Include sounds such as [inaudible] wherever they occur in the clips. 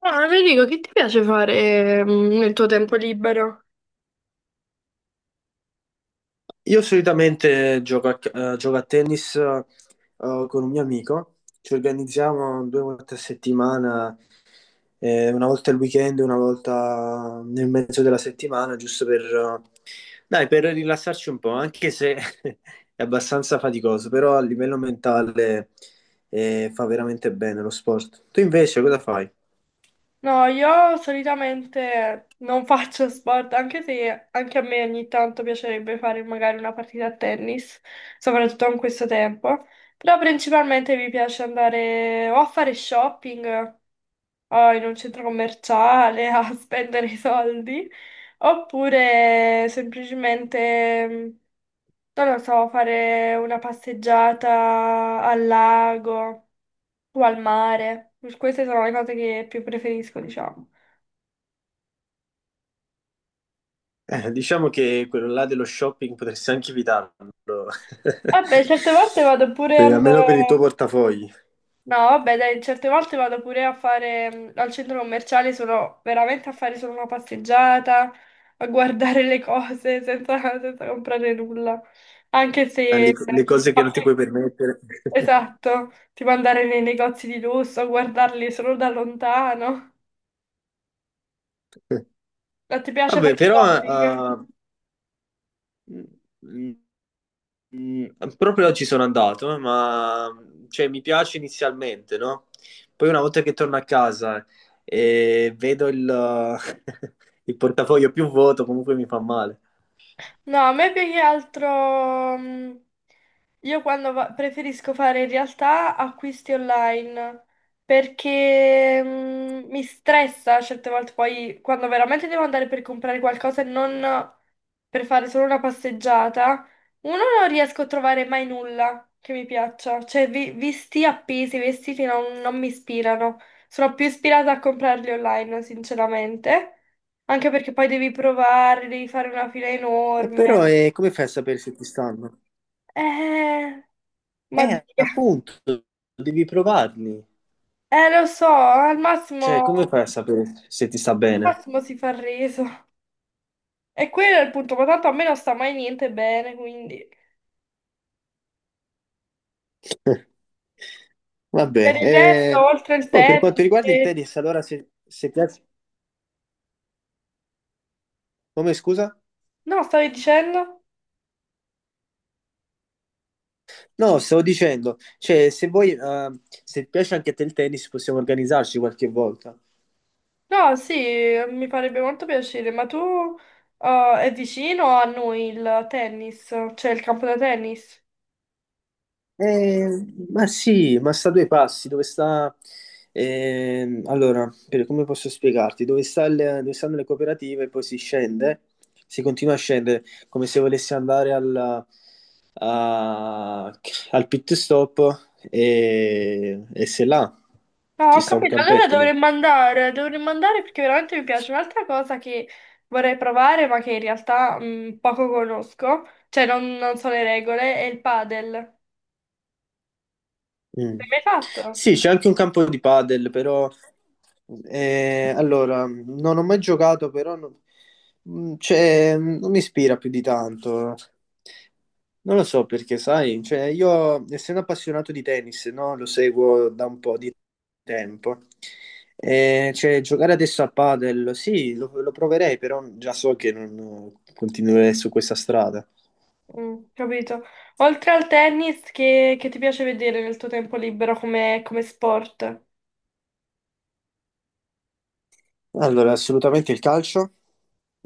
Ah, Federico, che ti piace fare nel tuo tempo libero? Io solitamente gioco gioco a tennis con un mio amico. Ci organizziamo due volte a settimana, una volta il weekend, una volta nel mezzo della settimana, giusto per, dai, per rilassarci un po', anche se [laughs] è abbastanza faticoso, però a livello mentale fa veramente bene lo sport. Tu invece cosa fai? [laughs] No, io solitamente non faccio sport, anche se anche a me ogni tanto piacerebbe fare magari una partita a tennis, soprattutto in questo tempo. Però principalmente mi piace andare o a fare shopping o in un centro commerciale a [laughs] spendere i soldi, oppure semplicemente, non lo so, fare una passeggiata al lago o al mare. Queste sono le cose che più preferisco, diciamo. Diciamo che quello là dello shopping potresti anche evitarlo. [laughs] Vabbè, certe volte vado pure al... Almeno per il tuo portafogli. No, vabbè, dai, certe volte vado pure a fare al centro commerciale, sono veramente a fare solo una passeggiata, a guardare le cose [laughs] senza comprare nulla. Anche se... [laughs] Le cose che non ti puoi permettere. Esatto, tipo andare nei negozi di lusso, guardarli solo da lontano. [laughs] Ma ti piace fare Vabbè, però shopping? eh, mm, mm, proprio oggi sono andato, ma cioè, mi piace inizialmente, no? Poi una volta che torno a casa e vedo il, [laughs] il portafoglio più vuoto, comunque mi fa male. No, a me più che altro, io quando preferisco fare in realtà acquisti online perché mi stressa certe volte poi quando veramente devo andare per comprare qualcosa e non per fare solo una passeggiata, uno non riesco a trovare mai nulla che mi piaccia, cioè visti appesi, vestiti non, non mi ispirano, sono più ispirata a comprarli online, sinceramente, anche perché poi devi provare, devi fare una fila E enorme. però come fai a sapere se ti stanno? Eh, ma Dio. Appunto, devi provarli. Lo so, Cioè, come fai a sapere se ti sta al bene? massimo si fa il reso. E quello è il punto, ma tanto a me non sta mai niente bene, quindi... [laughs] Per Vabbè, il resto, oltre il oh, per quanto tennis... riguarda il e- tennis, allora se piace... Come scusa? No, stavi dicendo? No, stavo dicendo, cioè se vuoi, se piace anche a te il tennis possiamo organizzarci qualche volta. No, sì, mi farebbe molto piacere, ma tu è vicino a noi il tennis, cioè il campo da tennis? Eh, ma sì, ma sta a due passi, dove sta... allora, come posso spiegarti? Dove sta dove stanno le cooperative, poi si scende, si continua a scendere, come se volessi andare al, a- al pit stop e se là No, ci ho sta un capito, allora campetto lì. Dovremmo andare perché veramente mi piace. Un'altra cosa che vorrei provare, ma che in realtà poco conosco, non so le regole, è il padel. L'hai Mm. mai fatto? Sì, c'è anche un campo di padel, però allora non ho mai giocato, però non, mm, cioè, non mi ispira più di tanto. Non lo so perché, sai, cioè, io essendo appassionato di tennis, no, lo seguo da un po' di tempo. Cioè, giocare adesso a padel, sì, lo proverei, però già so che non continuerei su questa strada. Mm, capito. Oltre al tennis, che ti piace vedere nel tuo tempo libero come sport? Allora, assolutamente il calcio,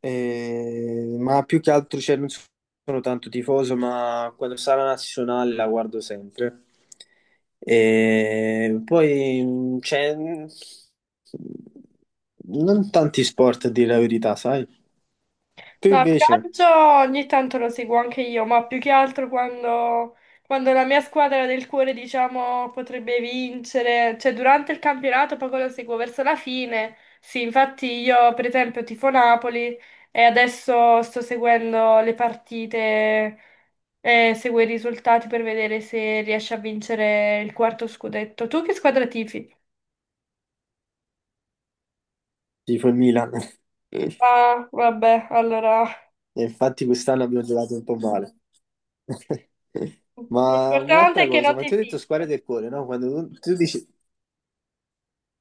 ma più che altro cioè, non sono tanto tifoso, ma quando sarà la nazionale la guardo sempre. E poi c'è non tanti sport a dire la verità, sai? Tu No, il invece calcio ogni tanto lo seguo anche io, ma più che altro quando la mia squadra del cuore, diciamo, potrebbe vincere, cioè durante il campionato poco lo seguo verso la fine. Sì, infatti io per esempio tifo Napoli e adesso sto seguendo le partite e seguo i risultati per vedere se riesce a vincere il quarto scudetto. Tu che squadra tifi? tifo il Milan. [laughs] Ah, vabbè, allora E infatti quest'anno abbiamo giocato un po' male. [laughs] Ma l'importante un'altra è che non cosa, ma ti ti ho detto tifi. squadra del cuore, no? Quando tu dici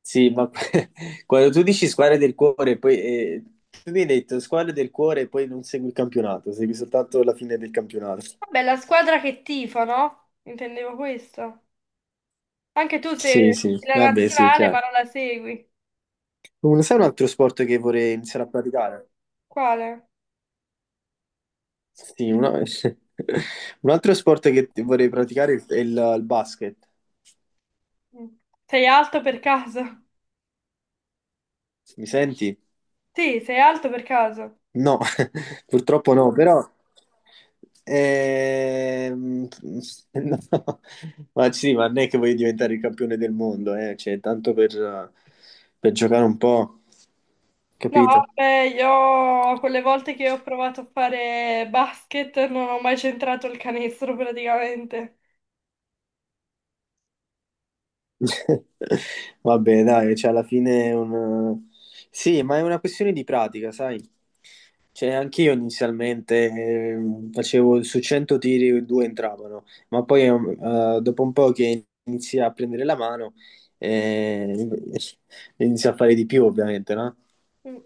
sì, ma [laughs] quando tu dici squadre del cuore, poi tu mi hai detto squadre del cuore e poi non segui il campionato, segui soltanto la fine del campionato. Vabbè, la squadra che tifo, no? Intendevo questo. Anche tu sei Sì, sì, la vabbè, sì, nazionale, ma chiaro. non la segui. Sai un altro sport che vorrei iniziare a praticare? Quale? Sì, [laughs] un altro sport che vorrei praticare è il basket. Mm. Sei alto per caso? [laughs] Mi senti? Sì, sei alto per caso. No, [laughs] purtroppo no, però ehm, [laughs] no. Ma sì, ma non è che voglio diventare il campione del mondo, eh? Cioè, tanto per giocare un po', No, capito? vabbè, io quelle volte che ho provato a fare basket non ho mai centrato il canestro praticamente. [laughs] Vabbè, dai, cioè alla fine è un... Sì, ma è una questione di pratica, sai? Cioè, anche io inizialmente facevo su 100 tiri, due entravano, ma poi dopo un po' che inizi a prendere la mano, eh, [laughs] inizi a fare di più, ovviamente, no? Mm.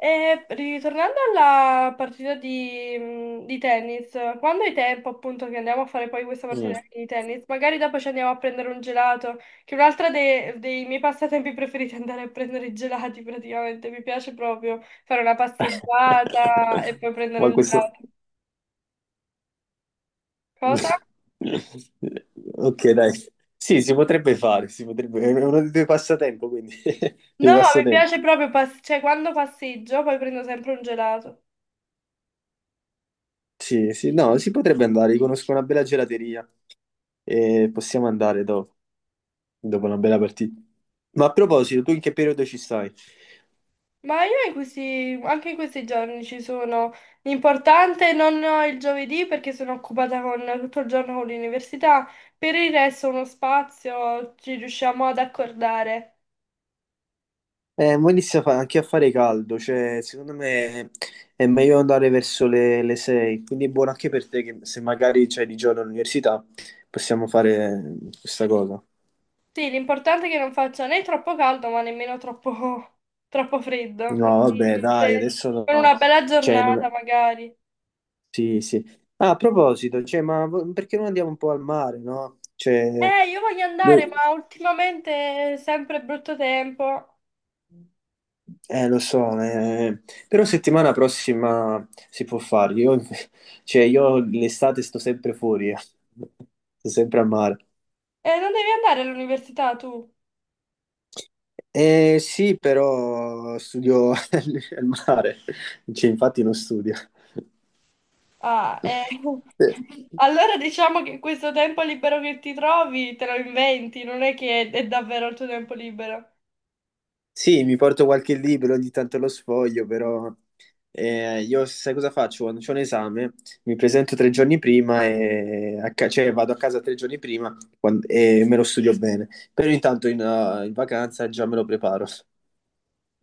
E ritornando alla partita di tennis, quando hai tempo appunto che andiamo a fare poi questa Mm. partita di tennis, magari dopo ci andiamo a prendere un gelato, che è un'altra dei miei passatempi preferiti [laughs] è andare a prendere i gelati praticamente, mi piace proprio fare una passeggiata e [laughs] poi prendere Ma un questo... gelato. Cosa? [laughs] Ok, dai. Sì, si potrebbe fare, si potrebbe... è uno dei tuoi passatempo, quindi [laughs] No, dei mi passatempi. piace proprio, cioè quando passeggio poi prendo sempre un gelato. Sì, sì, no, si potrebbe andare, io conosco una bella gelateria e possiamo andare dopo, dopo una bella partita. Ma a proposito, tu in che periodo ci stai? Ma io anche in questi giorni ci sono. L'importante non ho il giovedì perché sono occupata con, tutto il giorno con l'università, per il resto uno spazio ci riusciamo ad accordare. Mo inizia a anche a fare caldo, cioè secondo me è meglio andare verso le 6, quindi è buono anche per te che se magari c'hai di giorno all'università possiamo fare questa cosa. Sì, l'importante è che non faccia né troppo caldo ma nemmeno [laughs] troppo freddo, No, vabbè, quindi dai, se- adesso no. con No. una bella Cioè, giornata non... magari. Sì, sì. Ah, a proposito, cioè, ma perché non andiamo un po' al mare, no? Cioè, Io voglio andare, boh, ma ultimamente è sempre brutto tempo. Lo so, però settimana prossima si può fare. Io, [laughs] cioè, io l'estate sto sempre fuori, eh. Sto sempre al mare. Non devi andare all'università tu? Sì, però studio [laughs] al mare, cioè, infatti non studio. Ah, eh. [laughs] Allora diciamo che questo tempo libero che ti trovi te lo inventi, non è che è davvero il tuo tempo libero. Sì, mi porto qualche libro, ogni tanto lo sfoglio, però io sai cosa faccio? Quando c'ho un esame, mi presento 3 giorni prima, e a cioè vado a casa 3 giorni prima e me lo studio bene. Però intanto in vacanza già me lo preparo.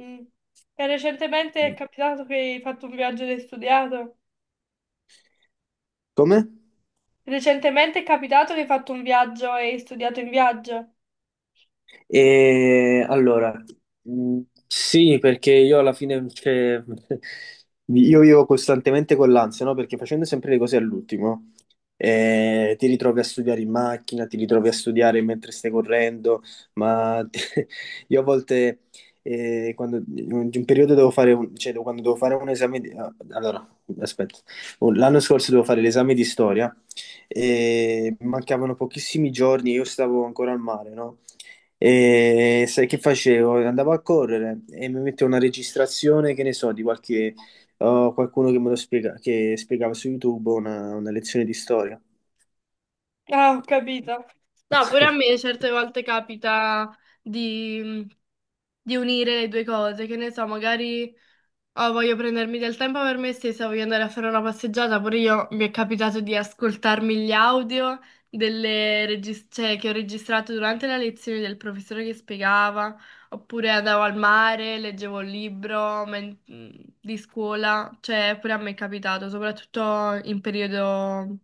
Mm. E recentemente è capitato che hai fatto un viaggio ed hai studiato? Come? Recentemente è capitato che hai fatto un viaggio e hai studiato in viaggio? E allora, mh, sì, perché io alla fine, cioè, [laughs] io vivo costantemente con l'ansia, no? Perché facendo sempre le cose all'ultimo, ti ritrovi a studiare in macchina, ti ritrovi a studiare mentre stai correndo, ma [laughs] io a volte, quando, in un periodo devo fare un, cioè, quando devo fare un esame di, ah, allora, aspetta, l'anno scorso devo fare l'esame di storia e mancavano pochissimi giorni, io stavo ancora al mare, no? E sai che facevo? Andavo a correre e mi mettevo una registrazione, che ne so, di qualche oh, qualcuno che me lo spiega, che spiegava su YouTube una lezione di storia. Ah, ho capito. No, pure a me [laughs] certe volte capita di, di unire le due cose, che ne so, magari oh, voglio prendermi del tempo per me stessa, voglio andare a fare una passeggiata, pure io mi è capitato di ascoltarmi gli audio delle cioè, che ho registrato durante la lezione del professore che spiegava, oppure andavo al mare, leggevo un libro di scuola, cioè pure a me è capitato, soprattutto in periodo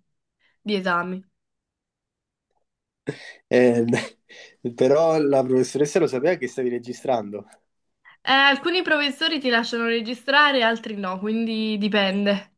di esami. Beh, però la professoressa lo sapeva che stavi registrando. Alcuni professori ti lasciano registrare, altri no, quindi dipende.